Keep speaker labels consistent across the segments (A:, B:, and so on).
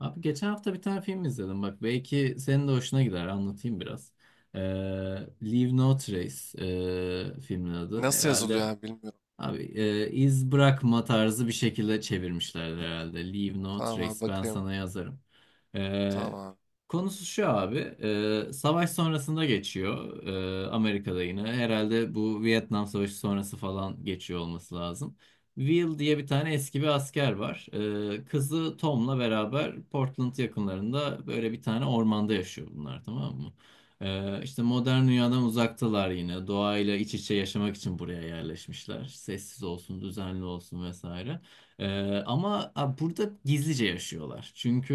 A: Abi geçen hafta bir tane film izledim. Bak belki senin de hoşuna gider. Anlatayım biraz. Ee, Leave No Trace, filmin adı
B: Nasıl yazılıyor
A: herhalde.
B: abi bilmiyorum.
A: Abi iz bırakma tarzı bir şekilde çevirmişler herhalde. Leave no
B: Tamam
A: trace.
B: abi
A: Ben
B: bakayım.
A: sana yazarım.
B: Tamam
A: E,
B: abi.
A: Konusu şu abi. Savaş sonrasında geçiyor. Amerika'da yine. Herhalde bu Vietnam Savaşı sonrası falan geçiyor olması lazım. Will diye bir tane eski bir asker var. Kızı Tom'la beraber Portland yakınlarında böyle bir tane ormanda yaşıyor bunlar, tamam mı? İşte modern dünyadan uzaktalar yine. Doğayla iç içe yaşamak için buraya yerleşmişler. Sessiz olsun, düzenli olsun vesaire. Ee, ama burada gizlice yaşıyorlar. Çünkü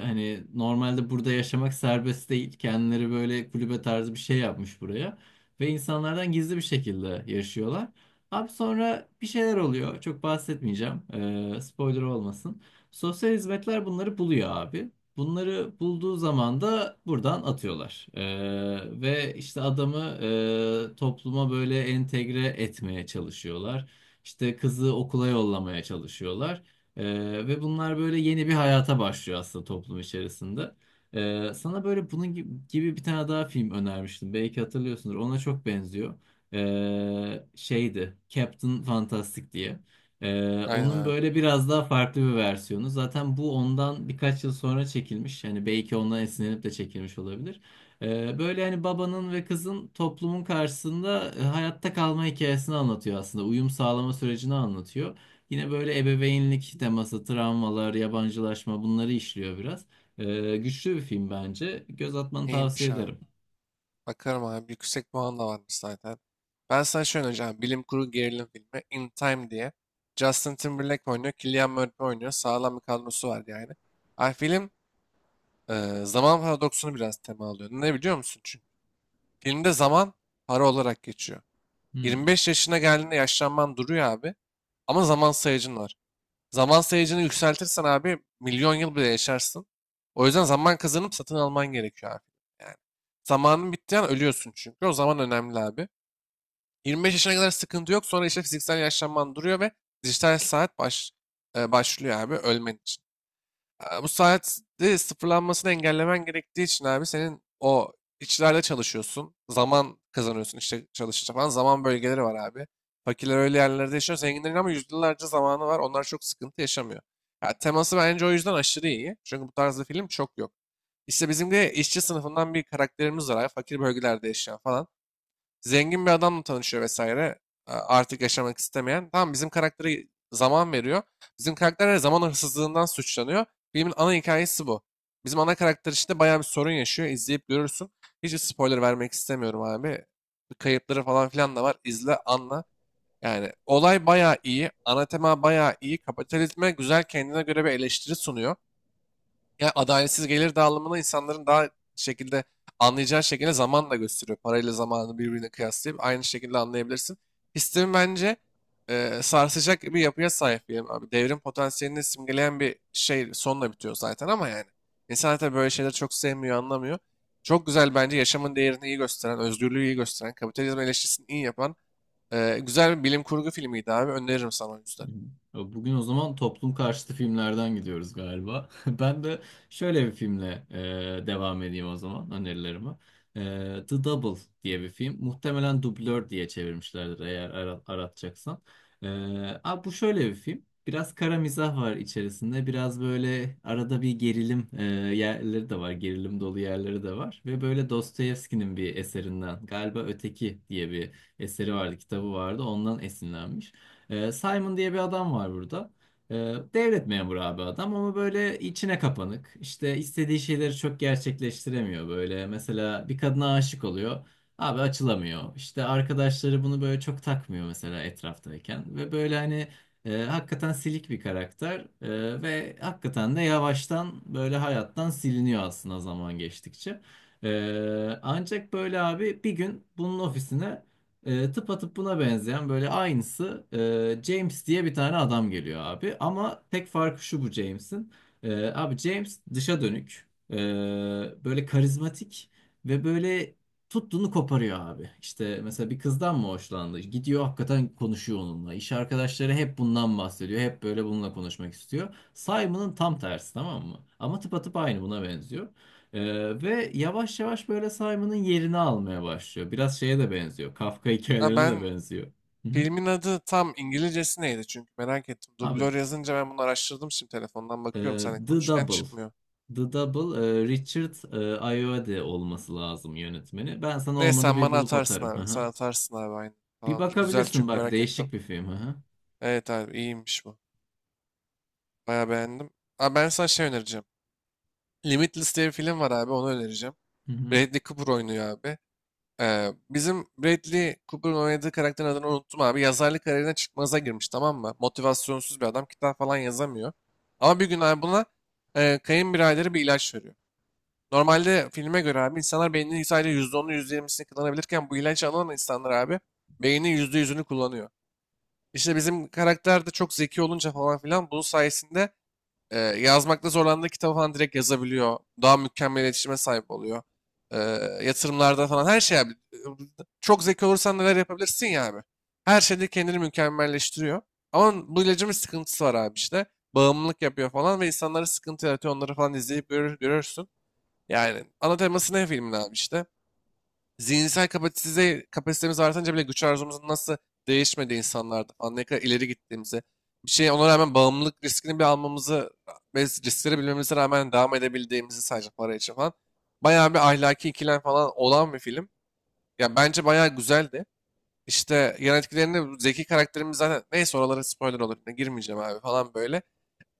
A: hani normalde burada yaşamak serbest değil. Kendileri böyle kulübe tarzı bir şey yapmış buraya. Ve insanlardan gizli bir şekilde yaşıyorlar. Abi sonra bir şeyler oluyor. Çok bahsetmeyeceğim. Spoiler olmasın. Sosyal hizmetler bunları buluyor abi. Bunları bulduğu zaman da buradan atıyorlar. Ve işte adamı topluma böyle entegre etmeye çalışıyorlar. İşte kızı okula yollamaya çalışıyorlar. Ee, Ve bunlar böyle yeni bir hayata başlıyor aslında toplum içerisinde. Sana böyle bunun gibi bir tane daha film önermiştim. Belki hatırlıyorsundur. Ona çok benziyor. Şeydi, Captain Fantastic diye.
B: Aynen
A: Onun
B: abi.
A: böyle biraz daha farklı bir versiyonu. Zaten bu ondan birkaç yıl sonra çekilmiş. Yani belki ondan esinlenip de çekilmiş olabilir. Böyle hani babanın ve kızın toplumun karşısında hayatta kalma hikayesini anlatıyor aslında. Uyum sağlama sürecini anlatıyor. Yine böyle ebeveynlik teması, travmalar, yabancılaşma, bunları işliyor biraz. Güçlü bir film bence. Göz atmanı tavsiye
B: İyiymiş abi.
A: ederim.
B: Bakarım abi. Yüksek puan da varmış zaten. Ben sana şöyle önereceğim. Bilim kurgu gerilim filmi. In Time diye. Justin Timberlake oynuyor. Cillian Murphy oynuyor. Sağlam bir kadrosu var yani. Abi film zaman paradoksunu biraz tema alıyor. Ne biliyor musun? Çünkü filmde zaman para olarak geçiyor.
A: Hmm.
B: 25 yaşına geldiğinde yaşlanman duruyor abi. Ama zaman sayacın var. Zaman sayacını yükseltirsen abi milyon yıl bile yaşarsın. O yüzden zaman kazanıp satın alman gerekiyor abi. Yani zamanın bittiği an ölüyorsun çünkü. O zaman önemli abi. 25 yaşına kadar sıkıntı yok. Sonra işte fiziksel yaşlanman duruyor ve dijital saat başlıyor abi ölmen için. Bu saatte sıfırlanmasını engellemen gerektiği için abi senin o işçilerde çalışıyorsun. Zaman kazanıyorsun işte çalışınca falan. Zaman bölgeleri var abi. Fakirler öyle yerlerde yaşıyor. Zenginlerin ama yüzyıllarca zamanı var. Onlar çok sıkıntı yaşamıyor. Ya, teması bence o yüzden aşırı iyi. Çünkü bu tarzda film çok yok. İşte bizim de işçi sınıfından bir karakterimiz var abi. Fakir bölgelerde yaşayan falan. Zengin bir adamla tanışıyor vesaire. A- Artık yaşamak istemeyen. Tamam bizim karaktere zaman veriyor. Bizim karakter her zaman hırsızlığından suçlanıyor. Filmin ana hikayesi bu. Bizim ana karakter işte bayağı bir sorun yaşıyor. İzleyip görürsün. Hiç spoiler vermek istemiyorum abi. Kayıpları falan filan da var. İzle, anla. Yani olay bayağı iyi. Ana tema bayağı iyi. Kapitalizme güzel kendine göre bir eleştiri sunuyor. Ya adaletsiz gelir dağılımını insanların daha şekilde anlayacağı şekilde zamanla gösteriyor. Parayla zamanı birbirine kıyaslayıp aynı şekilde anlayabilirsin. Sistemi bence sarsacak bir yapıya sahip diyelim abi. Devrim potansiyelini simgeleyen bir şey sonla bitiyor zaten ama yani. İnsanlar tabii böyle şeyleri çok sevmiyor, anlamıyor. Çok güzel bence yaşamın değerini iyi gösteren, özgürlüğü iyi gösteren, kapitalizm eleştirisini iyi yapan güzel bir bilim kurgu filmiydi abi. Öneririm sana o yüzden.
A: Hı hı. Bugün o zaman toplum karşıtı filmlerden gidiyoruz galiba. Ben de şöyle bir filmle devam edeyim o zaman önerilerime. The Double diye bir film. Muhtemelen dublör diye çevirmişlerdir eğer aratacaksan. E, Bu şöyle bir film. Biraz kara mizah var içerisinde. Biraz böyle arada bir gerilim yerleri de var. Gerilim dolu yerleri de var. Ve böyle Dostoyevski'nin bir eserinden galiba Öteki diye bir eseri vardı, kitabı vardı. Ondan esinlenmiş. Simon diye bir adam var burada. Ee, Devlet memuru abi adam ama böyle içine kapanık. İşte istediği şeyleri çok gerçekleştiremiyor böyle. Mesela bir kadına aşık oluyor. Abi açılamıyor. İşte arkadaşları bunu böyle çok takmıyor mesela etraftayken. Ve böyle hani hakikaten silik bir karakter. Ve hakikaten de yavaştan böyle hayattan siliniyor aslında zaman geçtikçe. Ancak böyle abi bir gün bunun ofisine tıpatıp buna benzeyen böyle aynısı James diye bir tane adam geliyor abi. Ama tek farkı şu bu James'in. Abi James dışa dönük, böyle karizmatik ve böyle tuttuğunu koparıyor abi. İşte mesela bir kızdan mı hoşlandı? Gidiyor hakikaten konuşuyor onunla. İş arkadaşları hep bundan bahsediyor. Hep böyle bununla konuşmak istiyor. Simon'ın tam tersi, tamam mı? Ama tıpatıp aynı buna benziyor. Ve yavaş yavaş böyle Simon'ın yerini almaya başlıyor. Biraz şeye de benziyor. Kafka
B: Ha,
A: hikayelerine de benziyor. Hı hı.
B: filmin adı tam İngilizcesi neydi çünkü merak ettim.
A: Abi
B: Dublör yazınca ben bunu araştırdım, şimdi telefondan
A: e,
B: bakıyorum seninle
A: The
B: konuşurken
A: Double.
B: çıkmıyor.
A: The Double, Richard Ayoade olması lazım yönetmeni. Ben sana
B: Neyse
A: olmadı
B: sen
A: bir
B: bana
A: bulup
B: atarsın
A: atarım. Hı
B: abi. Sen
A: hı.
B: atarsın abi aynı.
A: Bir
B: Tamamdır. Güzel
A: bakabilirsin
B: çünkü
A: bak,
B: merak ettim.
A: değişik bir film. Hı hı.
B: Evet abi iyiymiş bu. Bayağı beğendim. Abi ben sana şey önereceğim. Limitless diye bir film var abi, onu önereceğim.
A: Hı hı.
B: Bradley Cooper oynuyor abi. Bizim Bradley Cooper'ın oynadığı karakterin adını unuttum abi. Yazarlık kariyerine çıkmaza girmiş tamam mı? Motivasyonsuz bir adam. Kitap falan yazamıyor. Ama bir gün abi buna kayınbiraderi bir ilaç veriyor. Normalde filme göre abi insanlar beyninin sadece %10'u yüzde yirmisini kullanabilirken bu ilacı alan insanlar abi beynin %100'ünü kullanıyor. İşte bizim karakter de çok zeki olunca falan filan bunun sayesinde yazmakta zorlandığı kitabı falan direkt yazabiliyor. Daha mükemmel iletişime sahip oluyor. E, Yatırımlarda falan her şey abi. Çok zeki olursan neler yapabilirsin ya abi. Her şeyde kendini mükemmelleştiriyor. Ama bu ilacın bir sıkıntısı var abi işte. Bağımlılık yapıyor falan ve insanlara sıkıntı yaratıyor. Onları falan izleyip görürsün. Yani ana teması ne filmin abi işte? Zihinsel kapasite, kapasitemiz artınca bile güç arzumuzun nasıl değişmediği, insanlarda falan ne kadar ileri gittiğimizi, bir şeye ona rağmen bağımlılık riskini bir almamızı ve riskleri bilmemize rağmen devam edebildiğimizi sadece para için falan. Bayağı bir ahlaki ikilem falan olan bir film. Ya bence bayağı güzeldi. İşte yan etkilerini bu zeki karakterimiz zaten neyse, oralara spoiler olur. Ne girmeyeceğim abi falan böyle.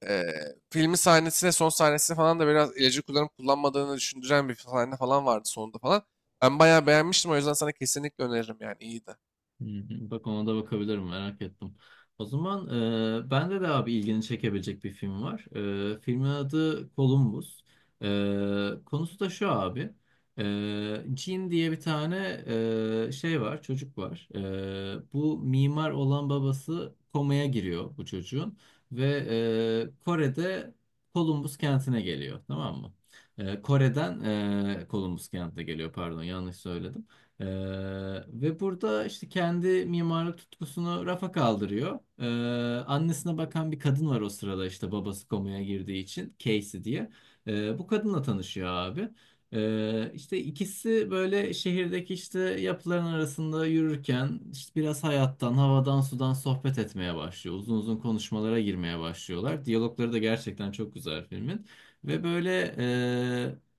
B: Filmin sahnesine, son sahnesine falan da biraz ilacı kullanıp kullanmadığını düşündüren bir sahne falan vardı sonunda falan. Ben bayağı beğenmiştim, o yüzden sana kesinlikle öneririm, yani iyiydi.
A: Hı hı. Bak ona da bakabilirim, merak ettim. O zaman bende de abi ilgini çekebilecek bir film var. Filmin adı Columbus. Konusu da şu abi. Jean diye bir tane şey var, çocuk var. Bu mimar olan babası komaya giriyor bu çocuğun. Ve Kore'de Columbus kentine geliyor, tamam mı? Kore'den Columbus kentine geliyor pardon, yanlış söyledim. Ee, Ve burada işte kendi mimarlık tutkusunu rafa kaldırıyor. Annesine bakan bir kadın var o sırada işte babası komaya girdiği için, Casey diye. Bu kadınla tanışıyor abi. İşte ikisi böyle şehirdeki işte yapıların arasında yürürken işte biraz hayattan, havadan, sudan sohbet etmeye başlıyor. Uzun uzun konuşmalara girmeye başlıyorlar. Diyalogları da gerçekten çok güzel filmin. Ve böyle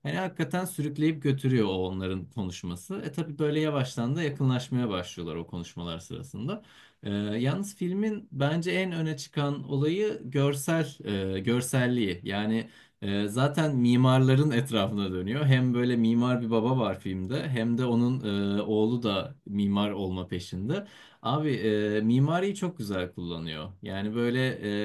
A: hani hakikaten sürükleyip götürüyor o onların konuşması. E tabii böyle yavaştan da yakınlaşmaya başlıyorlar o konuşmalar sırasında. Yalnız filmin bence en öne çıkan olayı görselliği. Yani zaten mimarların etrafına dönüyor. Hem böyle mimar bir baba var filmde hem de onun oğlu da mimar olma peşinde. Abi mimariyi çok güzel kullanıyor. Yani böyle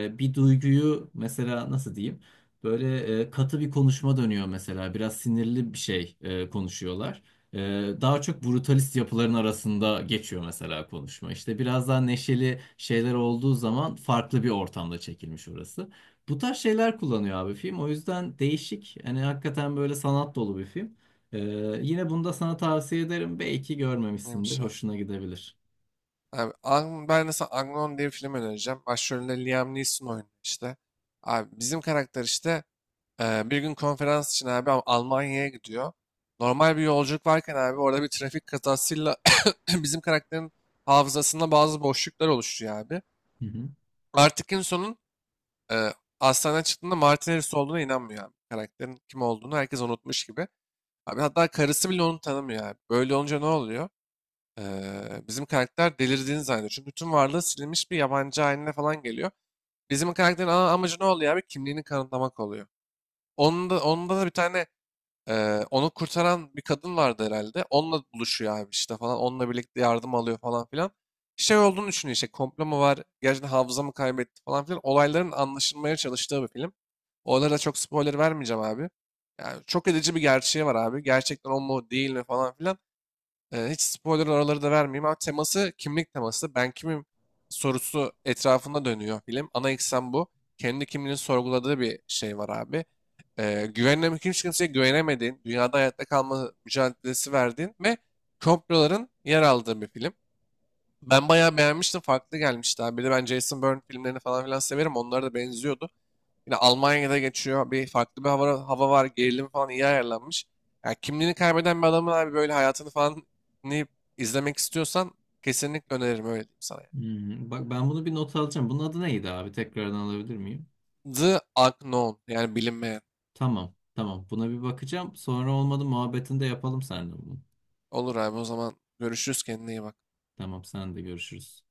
A: bir duyguyu mesela nasıl diyeyim? Böyle katı bir konuşma dönüyor mesela. Biraz sinirli bir şey konuşuyorlar. E, Daha çok brutalist yapıların arasında geçiyor mesela konuşma. İşte biraz daha neşeli şeyler olduğu zaman farklı bir ortamda çekilmiş orası. Bu tarz şeyler kullanıyor abi film. O yüzden değişik. Hani hakikaten böyle sanat dolu bir film. E, Yine bunu da sana tavsiye ederim. Belki görmemişsindir.
B: Neymiş abi?
A: Hoşuna gidebilir.
B: Abi ben de sana Agnon diye bir film önereceğim. Başrolünde Liam Neeson oynuyor işte. Abi bizim karakter işte bir gün konferans için abi Almanya'ya gidiyor. Normal bir yolculuk varken abi orada bir trafik kazasıyla bizim karakterin hafızasında bazı boşluklar oluşuyor abi.
A: Hı hı.
B: Artık en sonun Ee, hastaneden çıktığında Martin Harris olduğuna inanmıyor abi. Karakterin kim olduğunu herkes unutmuş gibi. Abi hatta karısı bile onu tanımıyor abi. Böyle olunca ne oluyor? Bizim karakter delirdiğini zannediyor. Çünkü tüm varlığı silinmiş bir yabancı haline falan geliyor. Bizim karakterin ana amacı ne oluyor abi? Kimliğini kanıtlamak oluyor. Onda da bir tane onu kurtaran bir kadın vardı herhalde. Onunla buluşuyor abi işte falan. Onunla birlikte yardım alıyor falan filan. Şey olduğunu düşünüyor işte, komplo mu var, gerçekten hafıza mı kaybetti falan filan. Olayların anlaşılmaya çalıştığı bir film. Olaylara da çok spoiler vermeyeceğim abi. Yani çok edici bir gerçeği var abi. Gerçekten o mu değil mi falan filan. Hiç spoiler oraları da vermeyeyim ama teması kimlik teması. Ben kimim sorusu etrafında dönüyor film. Ana eksen bu. Kendi kimliğini sorguladığı bir şey var abi. Güvenle hiç kimseye güvenemediğin, dünyada hayatta kalma mücadelesi verdiğin ve komploların yer aldığı bir film. Ben bayağı beğenmiştim. Farklı gelmişti abi. Bir de ben Jason Bourne filmlerini falan filan severim. Onlara da benziyordu. Yine Almanya'da geçiyor. Bir farklı bir hava var. Gerilim falan iyi ayarlanmış. Yani kimliğini kaybeden bir adamın abi böyle hayatını falan dinleyip izlemek istiyorsan kesinlikle öneririm, öyle diyeyim sana, yani.
A: Hmm, bak ben bunu bir not alacağım. Bunun adı neydi abi? Tekrardan alabilir miyim?
B: The Unknown, yani bilinmeyen.
A: Tamam. Tamam. Buna bir bakacağım. Sonra olmadı muhabbetini de yapalım seninle bunu.
B: Olur abi, o zaman görüşürüz, kendine iyi bak.
A: Tamam, sen de görüşürüz.